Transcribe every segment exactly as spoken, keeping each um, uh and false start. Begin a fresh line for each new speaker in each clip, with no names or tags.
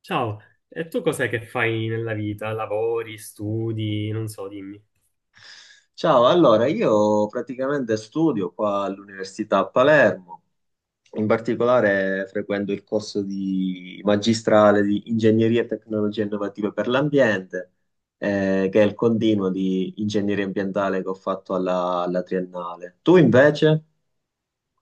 Ciao, e tu cos'è che fai nella vita? Lavori, studi, non so, dimmi.
Ciao, allora io praticamente studio qua all'Università a Palermo, in particolare frequento il corso di magistrale di Ingegneria e Tecnologie Innovative per l'Ambiente, eh, che è il continuo di ingegneria ambientale che ho fatto alla, alla triennale. Tu invece?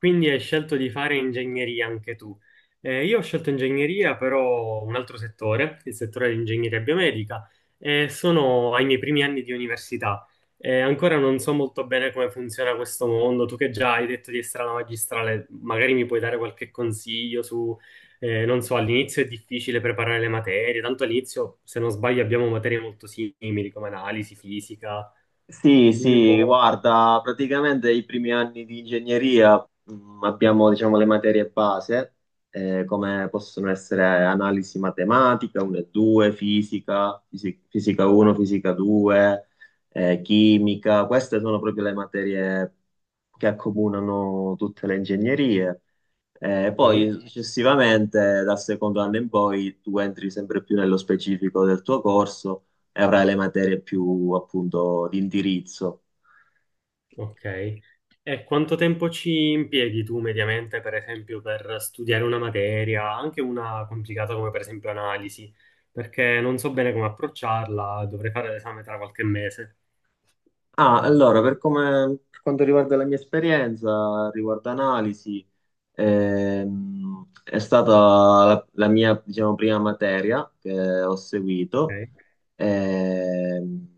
Quindi hai scelto di fare ingegneria anche tu. Eh, io ho scelto ingegneria, però un altro settore, il settore di ingegneria biomedica, e sono ai miei primi anni di università. Eh, ancora non so molto bene come funziona questo mondo. Tu che già hai detto di essere alla magistrale, magari mi puoi dare qualche consiglio su, eh, non so, all'inizio è difficile preparare le materie, tanto all'inizio, se non sbaglio, abbiamo materie molto simili come analisi, fisica.
Sì,
Dimmi un
sì,
po'.
guarda, praticamente i primi anni di ingegneria mh, abbiamo, diciamo, le materie base, eh, come possono essere analisi matematica uno e due, fisica, fisi- fisica uno, fisica due, eh, chimica. Queste sono proprio le materie che accomunano tutte le ingegnerie. Eh,
Sì.
poi successivamente, dal secondo anno in poi, tu entri sempre più nello specifico del tuo corso e avrai le materie più appunto di indirizzo.
Ok. E quanto tempo ci impieghi tu mediamente, per esempio, per studiare una materia, anche una complicata come per esempio analisi? Perché non so bene come approcciarla, dovrei fare l'esame tra qualche mese.
Ah, allora, per come, per quanto riguarda la mia esperienza, riguardo analisi, ehm, è stata la, la mia, diciamo, prima materia che ho seguito.
Ok.
Ehm,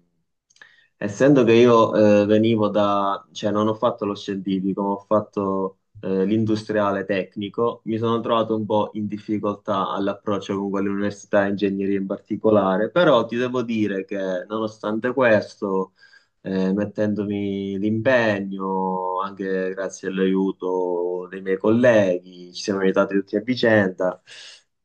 Essendo che io eh, venivo da, cioè non ho fatto lo scientifico, ma ho fatto eh, l'industriale tecnico, mi sono trovato un po' in difficoltà all'approccio con quell'università di ingegneria in particolare, però ti devo dire che nonostante questo, eh, mettendomi l'impegno, anche grazie all'aiuto dei miei colleghi, ci siamo aiutati tutti a vicenda.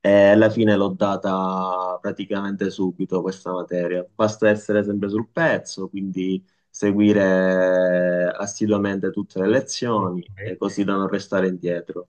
E alla fine l'ho data praticamente subito questa materia. Basta essere sempre sul pezzo, quindi seguire assiduamente tutte le
Ok.
lezioni e così da non restare indietro.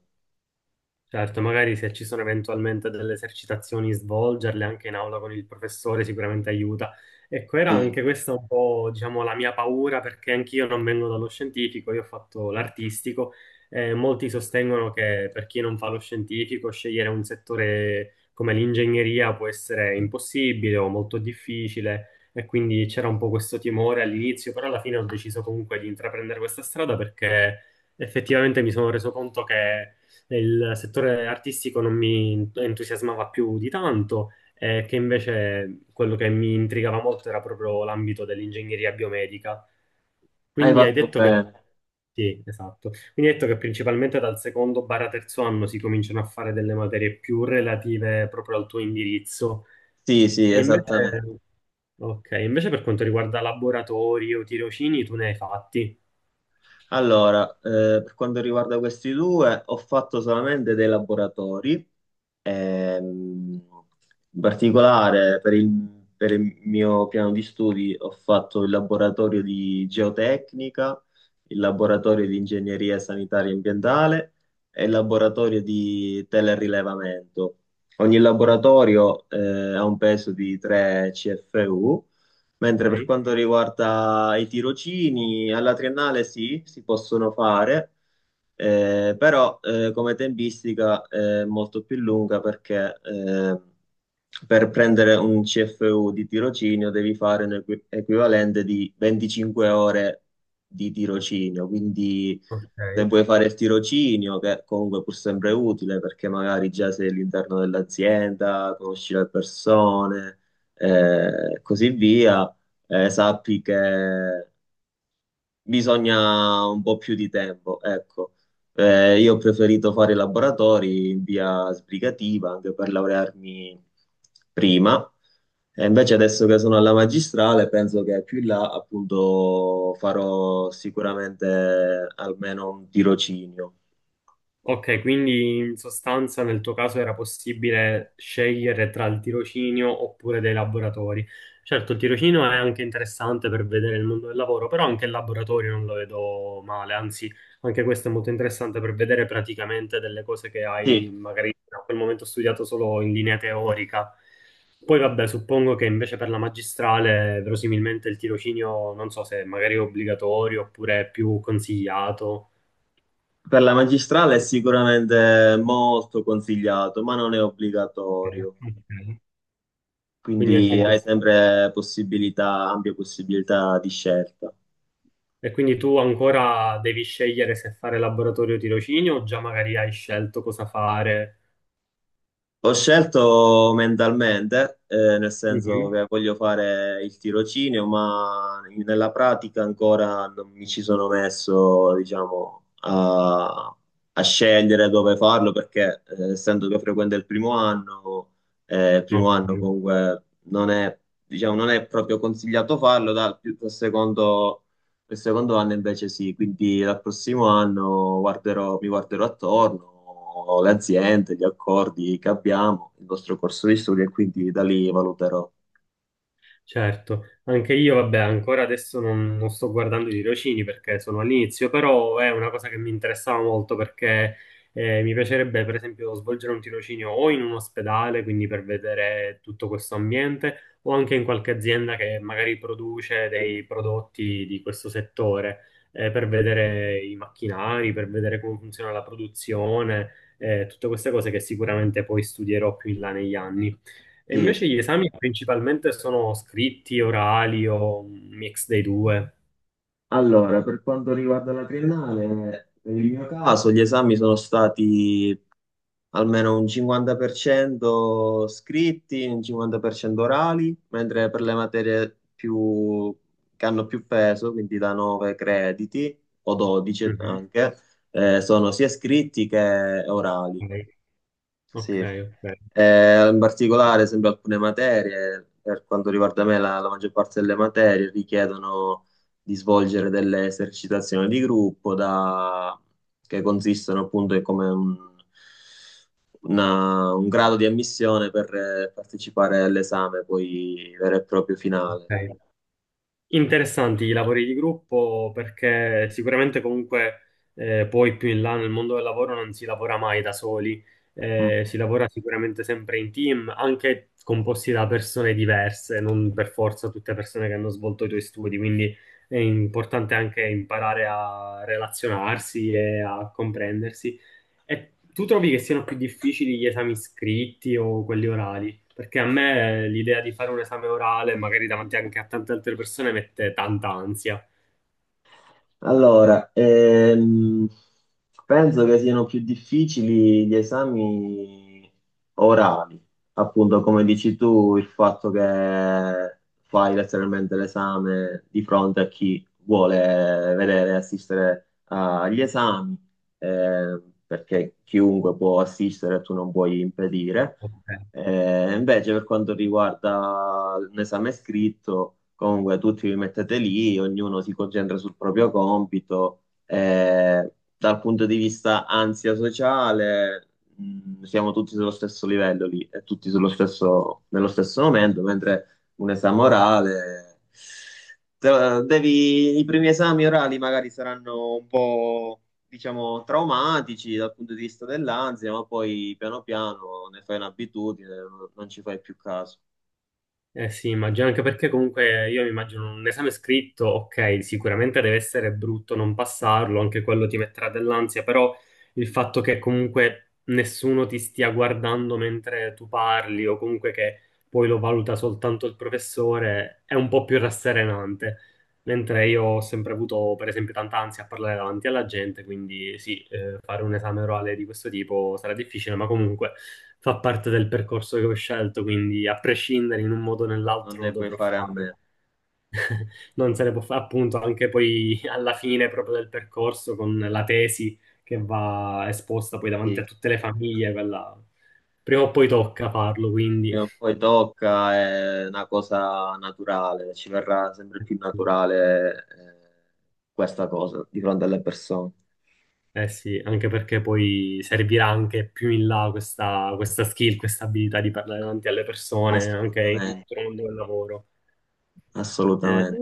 Certo, magari se ci sono eventualmente delle esercitazioni, svolgerle anche in aula con il professore sicuramente aiuta. Ecco, era
Sì,
anche questa un po', diciamo, la mia paura perché anch'io non vengo dallo scientifico, io ho fatto l'artistico e molti sostengono che per chi non fa lo scientifico scegliere un settore come l'ingegneria può essere impossibile o molto difficile e quindi c'era un po' questo timore all'inizio, però alla fine ho deciso comunque di intraprendere questa strada perché effettivamente mi sono reso conto che il settore artistico non mi entusiasmava più di tanto, eh, che invece quello che mi intrigava molto era proprio l'ambito dell'ingegneria biomedica.
hai
Quindi hai
fatto
detto che...
bene.
Sì, esatto. Quindi hai detto che principalmente dal secondo barra terzo anno si cominciano a fare delle materie più relative proprio al tuo indirizzo.
Sì, sì,
E invece...
esattamente.
Ok, invece per quanto riguarda laboratori o tirocini, tu ne hai fatti.
Allora, eh, per quanto riguarda questi due, ho fatto solamente dei laboratori. Ehm, In particolare per il, per il mio piano di studi ho fatto il laboratorio di geotecnica, il laboratorio di ingegneria sanitaria e ambientale e il laboratorio di telerilevamento. Ogni laboratorio eh, ha un peso di tre C F U, mentre per
Ok.
quanto riguarda i tirocini, alla triennale sì, si possono fare. Eh, però eh, come tempistica è molto più lunga perché eh, per prendere un C F U di tirocinio devi fare un equi- equivalente di venticinque ore di tirocinio, quindi se
Ok.
vuoi fare il tirocinio, che comunque è pur sempre utile perché magari già sei all'interno dell'azienda, conosci le persone, eh, così via, eh, sappi che bisogna un po' più di tempo, ecco. Eh, io ho preferito fare i laboratori in via sbrigativa anche per laurearmi prima. E invece adesso che sono alla magistrale, penso che più in là appunto farò sicuramente almeno un tirocinio.
Ok, quindi in sostanza nel tuo caso era possibile scegliere tra il tirocinio oppure dei laboratori. Certo, il tirocinio è anche interessante per vedere il mondo del lavoro, però anche il laboratorio non lo vedo male, anzi, anche questo è molto interessante per vedere praticamente delle cose che
Sì,
hai magari a quel momento studiato solo in linea teorica. Poi vabbè, suppongo che invece per la magistrale verosimilmente il tirocinio non so se magari è obbligatorio oppure è più consigliato.
per la magistrale è sicuramente molto consigliato, ma non è
Ok.
obbligatorio,
Ok. Quindi anche
quindi
in
hai
questo caso.
sempre possibilità, ampie possibilità di scelta.
E quindi tu ancora devi scegliere se fare laboratorio o tirocinio o già magari hai scelto cosa fare?
Ho scelto mentalmente, eh, nel senso
Mhm.
che voglio fare il tirocinio, ma nella pratica ancora non mi ci sono messo, diciamo, a, a scegliere dove farlo, perché eh, essendo che frequento il primo anno, eh, il primo
Ok.
anno comunque non è, diciamo, non è proprio consigliato farlo, dal, più- dal secondo. Il secondo anno invece sì, quindi dal prossimo anno guarderò- mi guarderò attorno, le aziende, gli accordi che abbiamo, il nostro corso di studio e quindi da lì valuterò.
Certo, anche io, vabbè, ancora adesso non, non sto guardando i tirocini perché sono all'inizio, però è una cosa che mi interessava molto perché eh, mi piacerebbe, per esempio, svolgere un tirocinio o in un ospedale, quindi per vedere tutto questo ambiente, o anche in qualche azienda che magari produce dei prodotti di questo settore, eh, per vedere i macchinari, per vedere come funziona la produzione, eh, tutte queste cose che sicuramente poi studierò più in là negli anni. E
Sì,
invece
sì.
gli esami principalmente sono scritti, orali o un mix dei due.
Allora, per quanto riguarda la triennale, nel mio caso gli esami sono stati almeno un cinquanta per cento scritti, un cinquanta per cento orali, mentre per le materie più, che hanno più peso, quindi da nove crediti o dodici
Mhm.
anche, eh, sono sia scritti che orali.
Ok,
Sì,
ok,
Eh, in particolare sempre alcune materie, per quanto riguarda me, la, la maggior parte delle materie richiedono di svolgere delle esercitazioni di gruppo da- che consistono appunto in come un, una- un grado di ammissione per eh, partecipare all'esame poi vero e proprio finale.
ok. Interessanti i lavori di gruppo perché sicuramente comunque eh, poi più in là nel mondo del lavoro non si lavora mai da soli, eh, si lavora sicuramente sempre in team, anche composti da persone diverse, non per forza tutte persone che hanno svolto i tuoi studi, quindi è importante anche imparare a relazionarsi e a comprendersi. E tu trovi che siano più difficili gli esami scritti o quelli orali? Perché a me l'idea di fare un esame orale, magari davanti anche a tante altre persone, mette tanta ansia.
Allora, ehm, penso che siano più difficili gli esami orali, appunto come dici tu, il fatto che fai letteralmente l'esame di fronte a chi vuole vedere e assistere agli esami, eh, perché chiunque può assistere, tu non puoi impedire.
Ok.
Eh, invece per quanto riguarda l'esame scritto, comunque tutti vi mettete lì, ognuno si concentra sul proprio compito. Eh, dal punto di vista ansia sociale, mh, siamo tutti sullo stesso livello lì e tutti sullo stesso, nello stesso momento, mentre un esame orale, te- devi, i primi esami orali magari saranno un po', diciamo, traumatici dal punto di vista dell'ansia, ma poi piano piano ne fai un'abitudine, non, non ci fai più caso,
Eh sì, immagino anche perché comunque io mi immagino un esame scritto, ok, sicuramente deve essere brutto non passarlo, anche quello ti metterà dell'ansia, però il fatto che comunque nessuno ti stia guardando mentre tu parli o comunque che poi lo valuta soltanto il professore è un po' più rasserenante. Mentre io ho sempre avuto, per esempio, tanta ansia a parlare davanti alla gente, quindi sì, eh, fare un esame orale di questo tipo sarà difficile, ma comunque fa parte del percorso che ho scelto, quindi a prescindere in un modo o
non
nell'altro lo
ne puoi
dovrò
fare a
fare.
meno.
Non se ne può fare, appunto, anche poi alla fine proprio del percorso con la tesi che va esposta poi davanti
Sì,
a tutte le famiglie, quella prima o poi tocca farlo, quindi.
prima o poi tocca, è una cosa naturale, ci verrà sempre più naturale, eh, questa cosa di fronte alle persone.
Eh sì, anche perché poi servirà anche più in là questa, questa skill, questa abilità di parlare davanti alle persone, anche in
Assolutamente,
tutto il mondo del lavoro. Eh, è
assolutamente.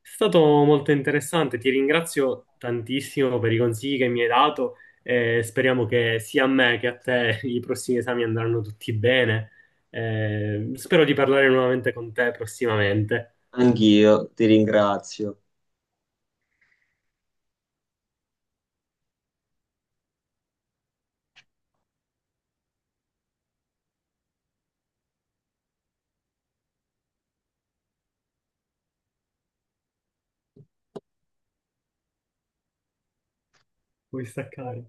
stato molto interessante, ti ringrazio tantissimo per i consigli che mi hai dato e speriamo che sia a me che a te i prossimi esami andranno tutti bene. Eh, spero di parlare nuovamente con te prossimamente.
Anch'io ti ringrazio.
Puoi staccare.